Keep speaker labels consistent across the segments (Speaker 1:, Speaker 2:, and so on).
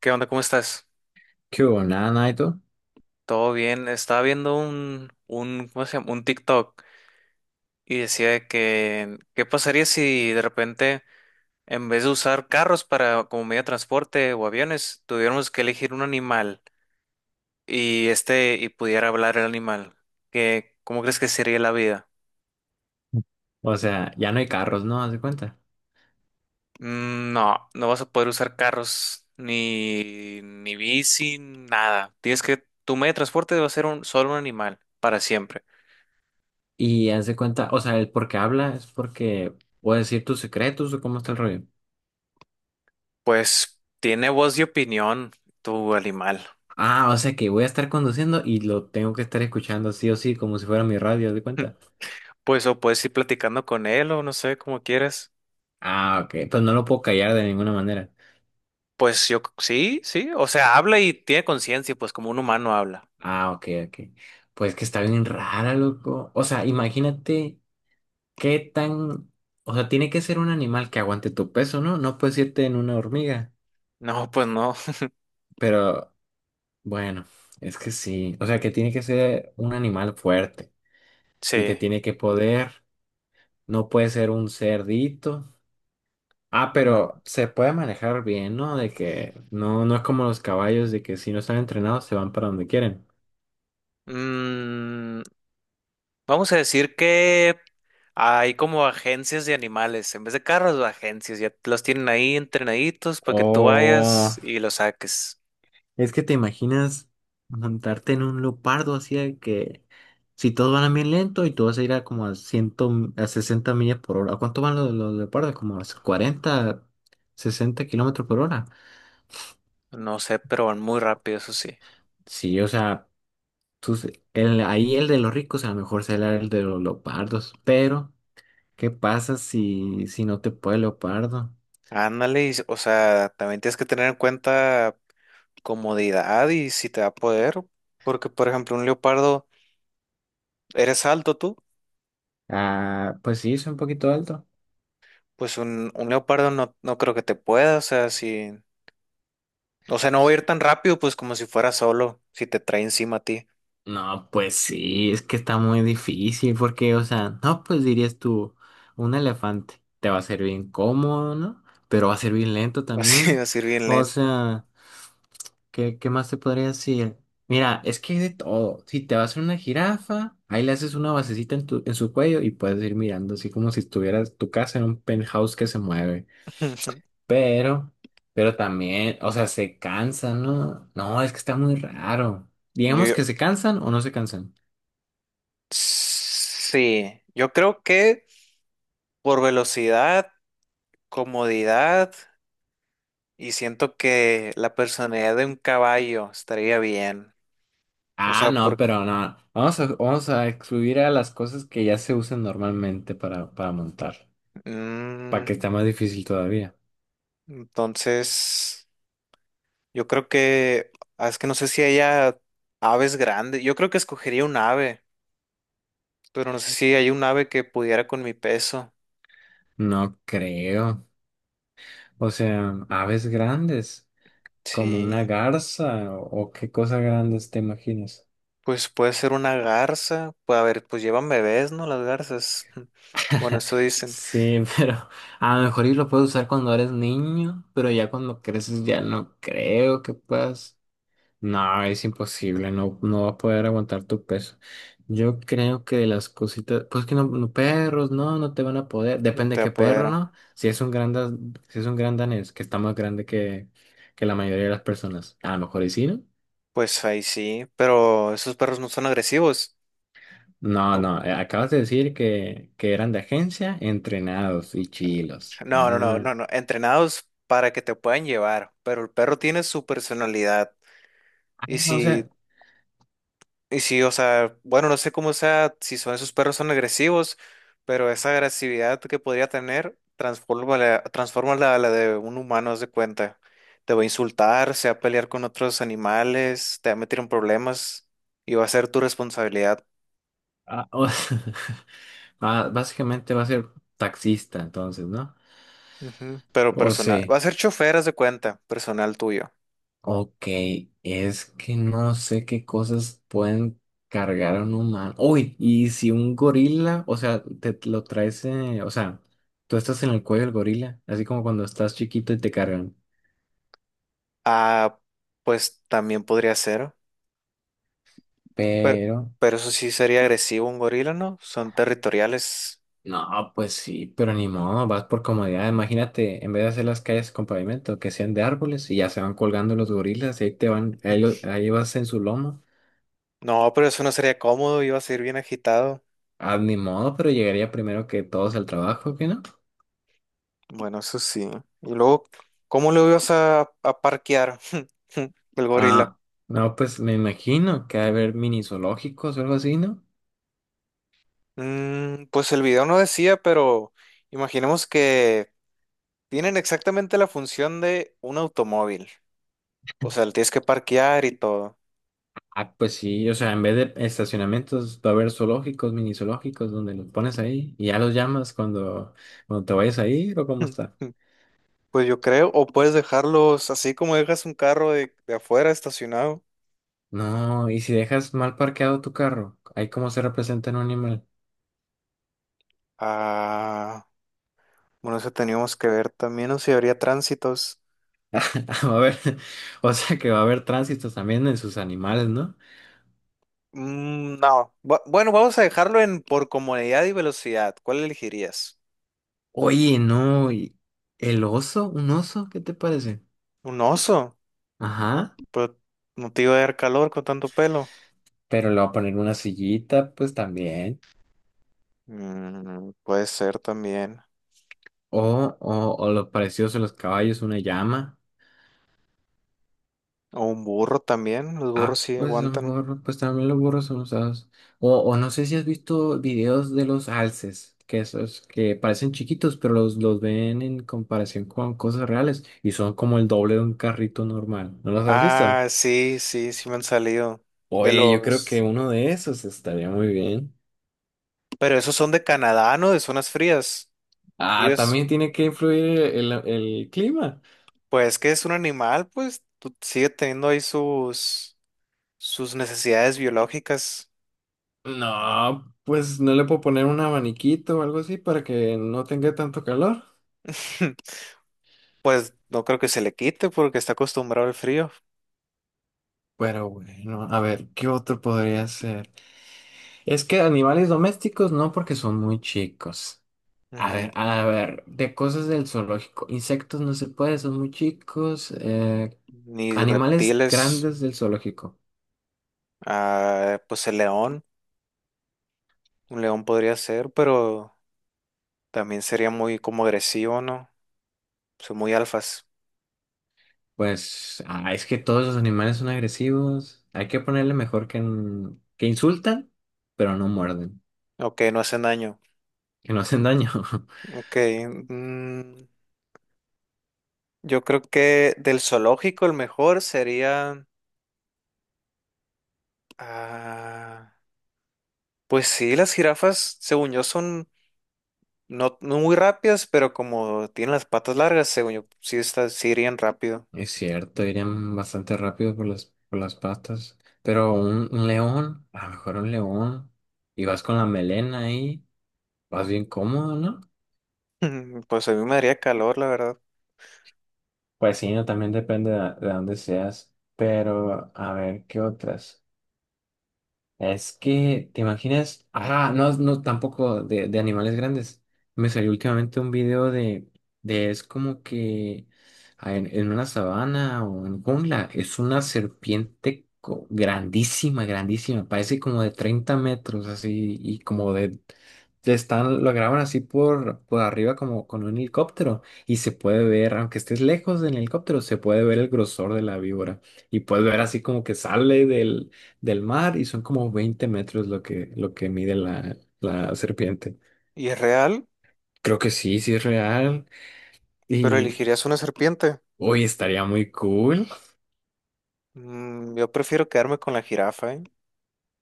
Speaker 1: ¿Qué onda? ¿Cómo estás?
Speaker 2: Que hubo, nada, nada y todo.
Speaker 1: ¿Todo bien? Estaba viendo ¿cómo se llama? Un TikTok y decía de que, ¿qué pasaría si de repente, en vez de usar carros para como medio de transporte o aviones, tuviéramos que elegir un animal y pudiera hablar el animal? ¿Cómo crees que sería la vida?
Speaker 2: O sea, ya no hay carros, ¿no? Haz de cuenta.
Speaker 1: No, no vas a poder usar carros ni bici, nada. Tienes que, tu medio de transporte va a ser solo un animal para siempre.
Speaker 2: Y haz de cuenta, o sea, el por qué habla es porque puedo decir tus secretos o cómo está el rollo.
Speaker 1: Pues tiene voz y opinión, tu animal.
Speaker 2: Ah, o sea que voy a estar conduciendo y lo tengo que estar escuchando sí o sí, como si fuera mi radio, haz de cuenta.
Speaker 1: Pues o puedes ir platicando con él o no sé, como quieres.
Speaker 2: Ah, ok, pues no lo puedo callar de ninguna manera.
Speaker 1: Sí, sí, o sea, habla y tiene conciencia, pues como un humano habla.
Speaker 2: Ah, ok, ok. Pues que está bien rara, loco. O sea, imagínate qué tan... O sea, tiene que ser un animal que aguante tu peso, ¿no? No puedes irte en una hormiga.
Speaker 1: No, pues no,
Speaker 2: Pero bueno, es que sí. O sea, que tiene que ser un animal fuerte y te
Speaker 1: sí,
Speaker 2: tiene que poder. No puede ser un cerdito. Ah, pero
Speaker 1: no.
Speaker 2: se puede manejar bien, ¿no? De que no, no es como los caballos, de que si no están entrenados se van para donde quieren.
Speaker 1: Mm, Vamos a decir que hay como agencias de animales, en vez de carros, agencias, ya los tienen ahí entrenaditos para
Speaker 2: O
Speaker 1: que tú vayas y los saques.
Speaker 2: es que te imaginas montarte en un leopardo así de que si todos van a bien lento y tú vas a ir a como a 100, a 60 millas por hora. ¿A cuánto van los leopardos? Como a 40, 60 kilómetros por hora.
Speaker 1: No sé, pero van muy rápido, eso sí.
Speaker 2: Sí, o sea. Entonces, ahí el de los ricos a lo mejor será el de los leopardos, pero ¿qué pasa si, si no te puede el leopardo?
Speaker 1: Ándale, o sea, también tienes que tener en cuenta comodidad y si te da poder, porque por ejemplo un leopardo, eres alto tú,
Speaker 2: Ah, pues sí, es un poquito alto.
Speaker 1: pues un leopardo no, no creo que te pueda, o sea, si, o sea, no va a
Speaker 2: S-
Speaker 1: ir tan rápido, pues como si fuera solo, si te trae encima a ti,
Speaker 2: No, pues sí, es que está muy difícil porque, o sea, no, pues dirías tú, un elefante te va a ser bien cómodo, ¿no? Pero va a ser bien lento
Speaker 1: vas a ir
Speaker 2: también.
Speaker 1: vas a ir bien
Speaker 2: O
Speaker 1: lento.
Speaker 2: sea... ¿Qué, qué más te podría decir? Mira, es que hay de todo. Si te vas a una jirafa, ahí le haces una basecita en tu, en su cuello y puedes ir mirando, así como si estuvieras tu casa en un penthouse que se mueve. Pero, pero también, o sea, se cansan, ¿no? No, es que está muy raro. Digamos
Speaker 1: Yo,
Speaker 2: que se cansan o no se cansan.
Speaker 1: sí, yo creo que por velocidad, comodidad y siento que la personalidad de un caballo estaría bien. O
Speaker 2: Ah,
Speaker 1: sea,
Speaker 2: no, pero no. Vamos a excluir a las cosas que ya se usan normalmente para montar, para
Speaker 1: Mm,
Speaker 2: que está más difícil todavía.
Speaker 1: entonces, yo creo que, ah, es que no sé si haya aves grandes. Yo creo que escogería un ave, pero no sé si hay un ave que pudiera con mi peso.
Speaker 2: No creo. O sea, aves grandes. Como una
Speaker 1: Sí,
Speaker 2: garza o qué cosas grandes te imaginas.
Speaker 1: pues puede ser una garza. Pues a ver, pues llevan bebés, ¿no? Las garzas. Bueno, eso dicen.
Speaker 2: Sí, pero a lo mejor y lo puedes usar cuando eres niño, pero ya cuando creces ya no creo que puedas. No, es imposible, no, no va a poder aguantar tu peso. Yo creo que de las cositas, pues que no, no, perros, no, no te van a poder.
Speaker 1: No
Speaker 2: Depende de
Speaker 1: te
Speaker 2: qué perro,
Speaker 1: apodero.
Speaker 2: ¿no? Si es un gran, da- Si es un gran danés, que está más grande que la mayoría de las personas, a lo mejor y sí, ¿no?
Speaker 1: Pues ahí sí, pero esos perros no son agresivos.
Speaker 2: No,
Speaker 1: Pu-
Speaker 2: no, acabas de decir que eran de agencia, entrenados y chilos.
Speaker 1: No, no, no,
Speaker 2: Ah,
Speaker 1: no, no. Entrenados para que te puedan llevar, pero el perro tiene su personalidad. Y
Speaker 2: ah, o
Speaker 1: si
Speaker 2: sea,
Speaker 1: Y sí, o sea, bueno, no sé cómo sea, si son esos perros son agresivos, pero esa agresividad que podría tener, transfórmala, transfórmala a la de un humano, haz de cuenta. Te va a insultar, se va a pelear con otros animales, te va a meter en problemas y va a ser tu responsabilidad.
Speaker 2: ah, o- sea, ah, básicamente va a ser taxista entonces, ¿no?
Speaker 1: Ujú, pero
Speaker 2: O
Speaker 1: personal,
Speaker 2: sea,
Speaker 1: va a ser chofer, haz de cuenta, personal tuyo.
Speaker 2: ok, es que no sé qué cosas pueden cargar a un humano. Uy, y si un gorila, o sea, te lo traes, o sea, tú estás en el cuello del gorila, así como cuando estás chiquito y te cargan.
Speaker 1: Ah, pues también podría ser, pero,
Speaker 2: Pero.
Speaker 1: pero eso sí sería agresivo un gorila, ¿no? Son territoriales.
Speaker 2: No, pues sí, pero ni modo, vas por comodidad. Imagínate, en vez de hacer las calles con pavimento, que sean de árboles y ya se van colgando los gorilas, y ahí te van, ahí vas en su lomo.
Speaker 1: No, pero eso no sería cómodo, iba a ser bien agitado.
Speaker 2: Ah, ni modo, pero llegaría primero que todos al trabajo, ¿qué no?
Speaker 1: Bueno, eso sí. Y luego, ¿cómo lo ibas a parquear el gorila?
Speaker 2: Ah, no, pues me imagino que va a haber mini zoológicos o algo así, ¿no?
Speaker 1: Pues el video no decía, pero imaginemos que tienen exactamente la función de un automóvil. O sea, le tienes que parquear y todo.
Speaker 2: Ah, pues sí, o sea, en vez de estacionamientos va a haber zoológicos, mini zoológicos, donde los pones ahí y ya los llamas cuando te vayas a ir o cómo está.
Speaker 1: Pues yo creo, o puedes dejarlos así como dejas un carro de afuera estacionado.
Speaker 2: No, y si dejas mal parqueado tu carro, ahí cómo se representa en un animal.
Speaker 1: Ah, bueno, eso teníamos que ver también, o si habría tránsitos.
Speaker 2: Va a haber, o sea que va a haber tránsitos también en sus animales, ¿no?
Speaker 1: No. Bueno, vamos a dejarlo en por comodidad y velocidad. ¿Cuál elegirías?
Speaker 2: Oye, no, y el oso, un oso, ¿qué te parece?
Speaker 1: Un oso.
Speaker 2: Ajá,
Speaker 1: Pues no te iba a dar calor con tanto pelo.
Speaker 2: pero le va a poner una sillita, pues también.
Speaker 1: Mm, puede ser también.
Speaker 2: O lo precioso, de los caballos, una llama.
Speaker 1: O un burro también. Los burros
Speaker 2: Ah,
Speaker 1: sí
Speaker 2: pues a lo
Speaker 1: aguantan.
Speaker 2: mejor, pues también los burros son usados. O no sé si has visto videos de los alces, que esos que parecen chiquitos, pero los ven en comparación con cosas reales y son como el doble de un carrito normal. ¿No los has visto?
Speaker 1: Ah, sí, sí, sí me han salido. De
Speaker 2: Oye, yo creo que
Speaker 1: los.
Speaker 2: uno de esos estaría muy bien.
Speaker 1: Pero esos son de Canadá, ¿no? De zonas frías.
Speaker 2: Ah,
Speaker 1: Dios,
Speaker 2: también tiene que influir el clima.
Speaker 1: pues que es un animal, sigue teniendo ahí sus, sus necesidades biológicas.
Speaker 2: No, pues no le puedo poner un abaniquito o algo así para que no tenga tanto calor.
Speaker 1: Pues no creo que se le quite porque está acostumbrado al frío.
Speaker 2: Pero bueno, a ver, ¿qué otro podría ser? Es que animales domésticos no, porque son muy chicos.
Speaker 1: Ujú.
Speaker 2: A ver, de cosas del zoológico. Insectos no se puede, son muy chicos.
Speaker 1: Ni
Speaker 2: Animales
Speaker 1: reptiles.
Speaker 2: grandes del zoológico.
Speaker 1: Ah, pues el león. Un león podría ser, pero también sería muy como agresivo, ¿no? Son muy alfas.
Speaker 2: Pues ah, es que todos los animales son agresivos. Hay que ponerle mejor que, que insultan, pero no muerden,
Speaker 1: Ok, no hacen daño.
Speaker 2: que no hacen daño.
Speaker 1: Ok. mm, yo creo que del zoológico el mejor sería... ah, pues sí, las jirafas, según yo, son no, no muy rápidas, pero como tienen las patas largas, según yo, sí, estas sí irían rápido.
Speaker 2: Es cierto, irían bastante rápido por por las patas. Pero un león, a lo mejor un león, y vas con la melena ahí. Más bien cómodo, ¿no?
Speaker 1: Pues a mí me daría calor, la verdad.
Speaker 2: Pues sí, no, también depende de dónde seas. Pero, a ver, ¿qué otras? Es que, ¿te imaginas? Ah, no, no, tampoco de, de animales grandes. Me salió últimamente un video de es como que ah, en una sabana o en jungla, es una serpiente grandísima, grandísima, parece como de 30 metros, así, de están, lo graban así por arriba como con un helicóptero, y se puede ver, aunque estés lejos del helicóptero, se puede ver el grosor de la víbora, y puedes ver así como que sale del mar y son como 20 metros lo que mide la, la serpiente.
Speaker 1: Y es real,
Speaker 2: Creo que sí, sí es real.
Speaker 1: pero
Speaker 2: Y
Speaker 1: elegirías una serpiente.
Speaker 2: hoy estaría muy cool.
Speaker 1: Yo prefiero quedarme con la jirafa, ¿eh?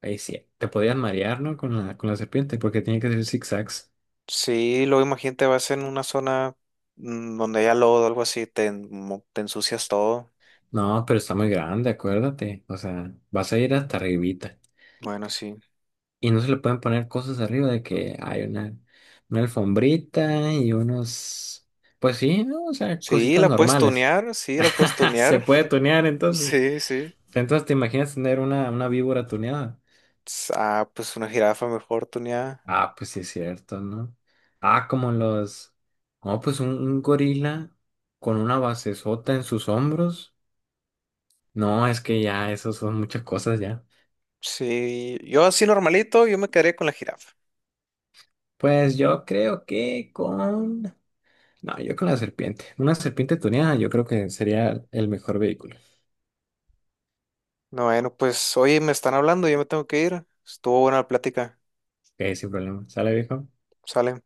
Speaker 2: Ahí sí, te podían marear, ¿no? Con la serpiente, porque tiene que hacer zigzags.
Speaker 1: Sí, luego imagínate, vas en una zona donde haya lodo o algo así, te, te ensucias todo.
Speaker 2: No, pero está muy grande, acuérdate. O sea, vas a ir hasta arribita.
Speaker 1: Bueno, sí.
Speaker 2: Y no se le pueden poner cosas arriba de que hay una alfombrita y unos... Pues sí, ¿no? O sea,
Speaker 1: Sí,
Speaker 2: cositas
Speaker 1: la puedes
Speaker 2: normales.
Speaker 1: tunear, sí, la puedes
Speaker 2: Se
Speaker 1: tunear.
Speaker 2: puede tunear entonces.
Speaker 1: Sí, sí.
Speaker 2: Entonces, ¿te imaginas tener una víbora tuneada?
Speaker 1: Ah, pues una jirafa mejor tuneada.
Speaker 2: Ah, pues sí es cierto, ¿no? Ah, como los... No, pues un gorila con una basezota en sus hombros. No, es que ya, eso son muchas cosas ya.
Speaker 1: Sí, yo así normalito, yo me quedaría con la jirafa.
Speaker 2: Pues yo creo que con... No, yo con la serpiente. Una serpiente tuneada yo creo que sería el mejor vehículo.
Speaker 1: No, bueno, pues oye, me están hablando, yo me tengo que ir. Estuvo buena la plática.
Speaker 2: Ok, sin problema. ¿Sale, viejo?
Speaker 1: Sale.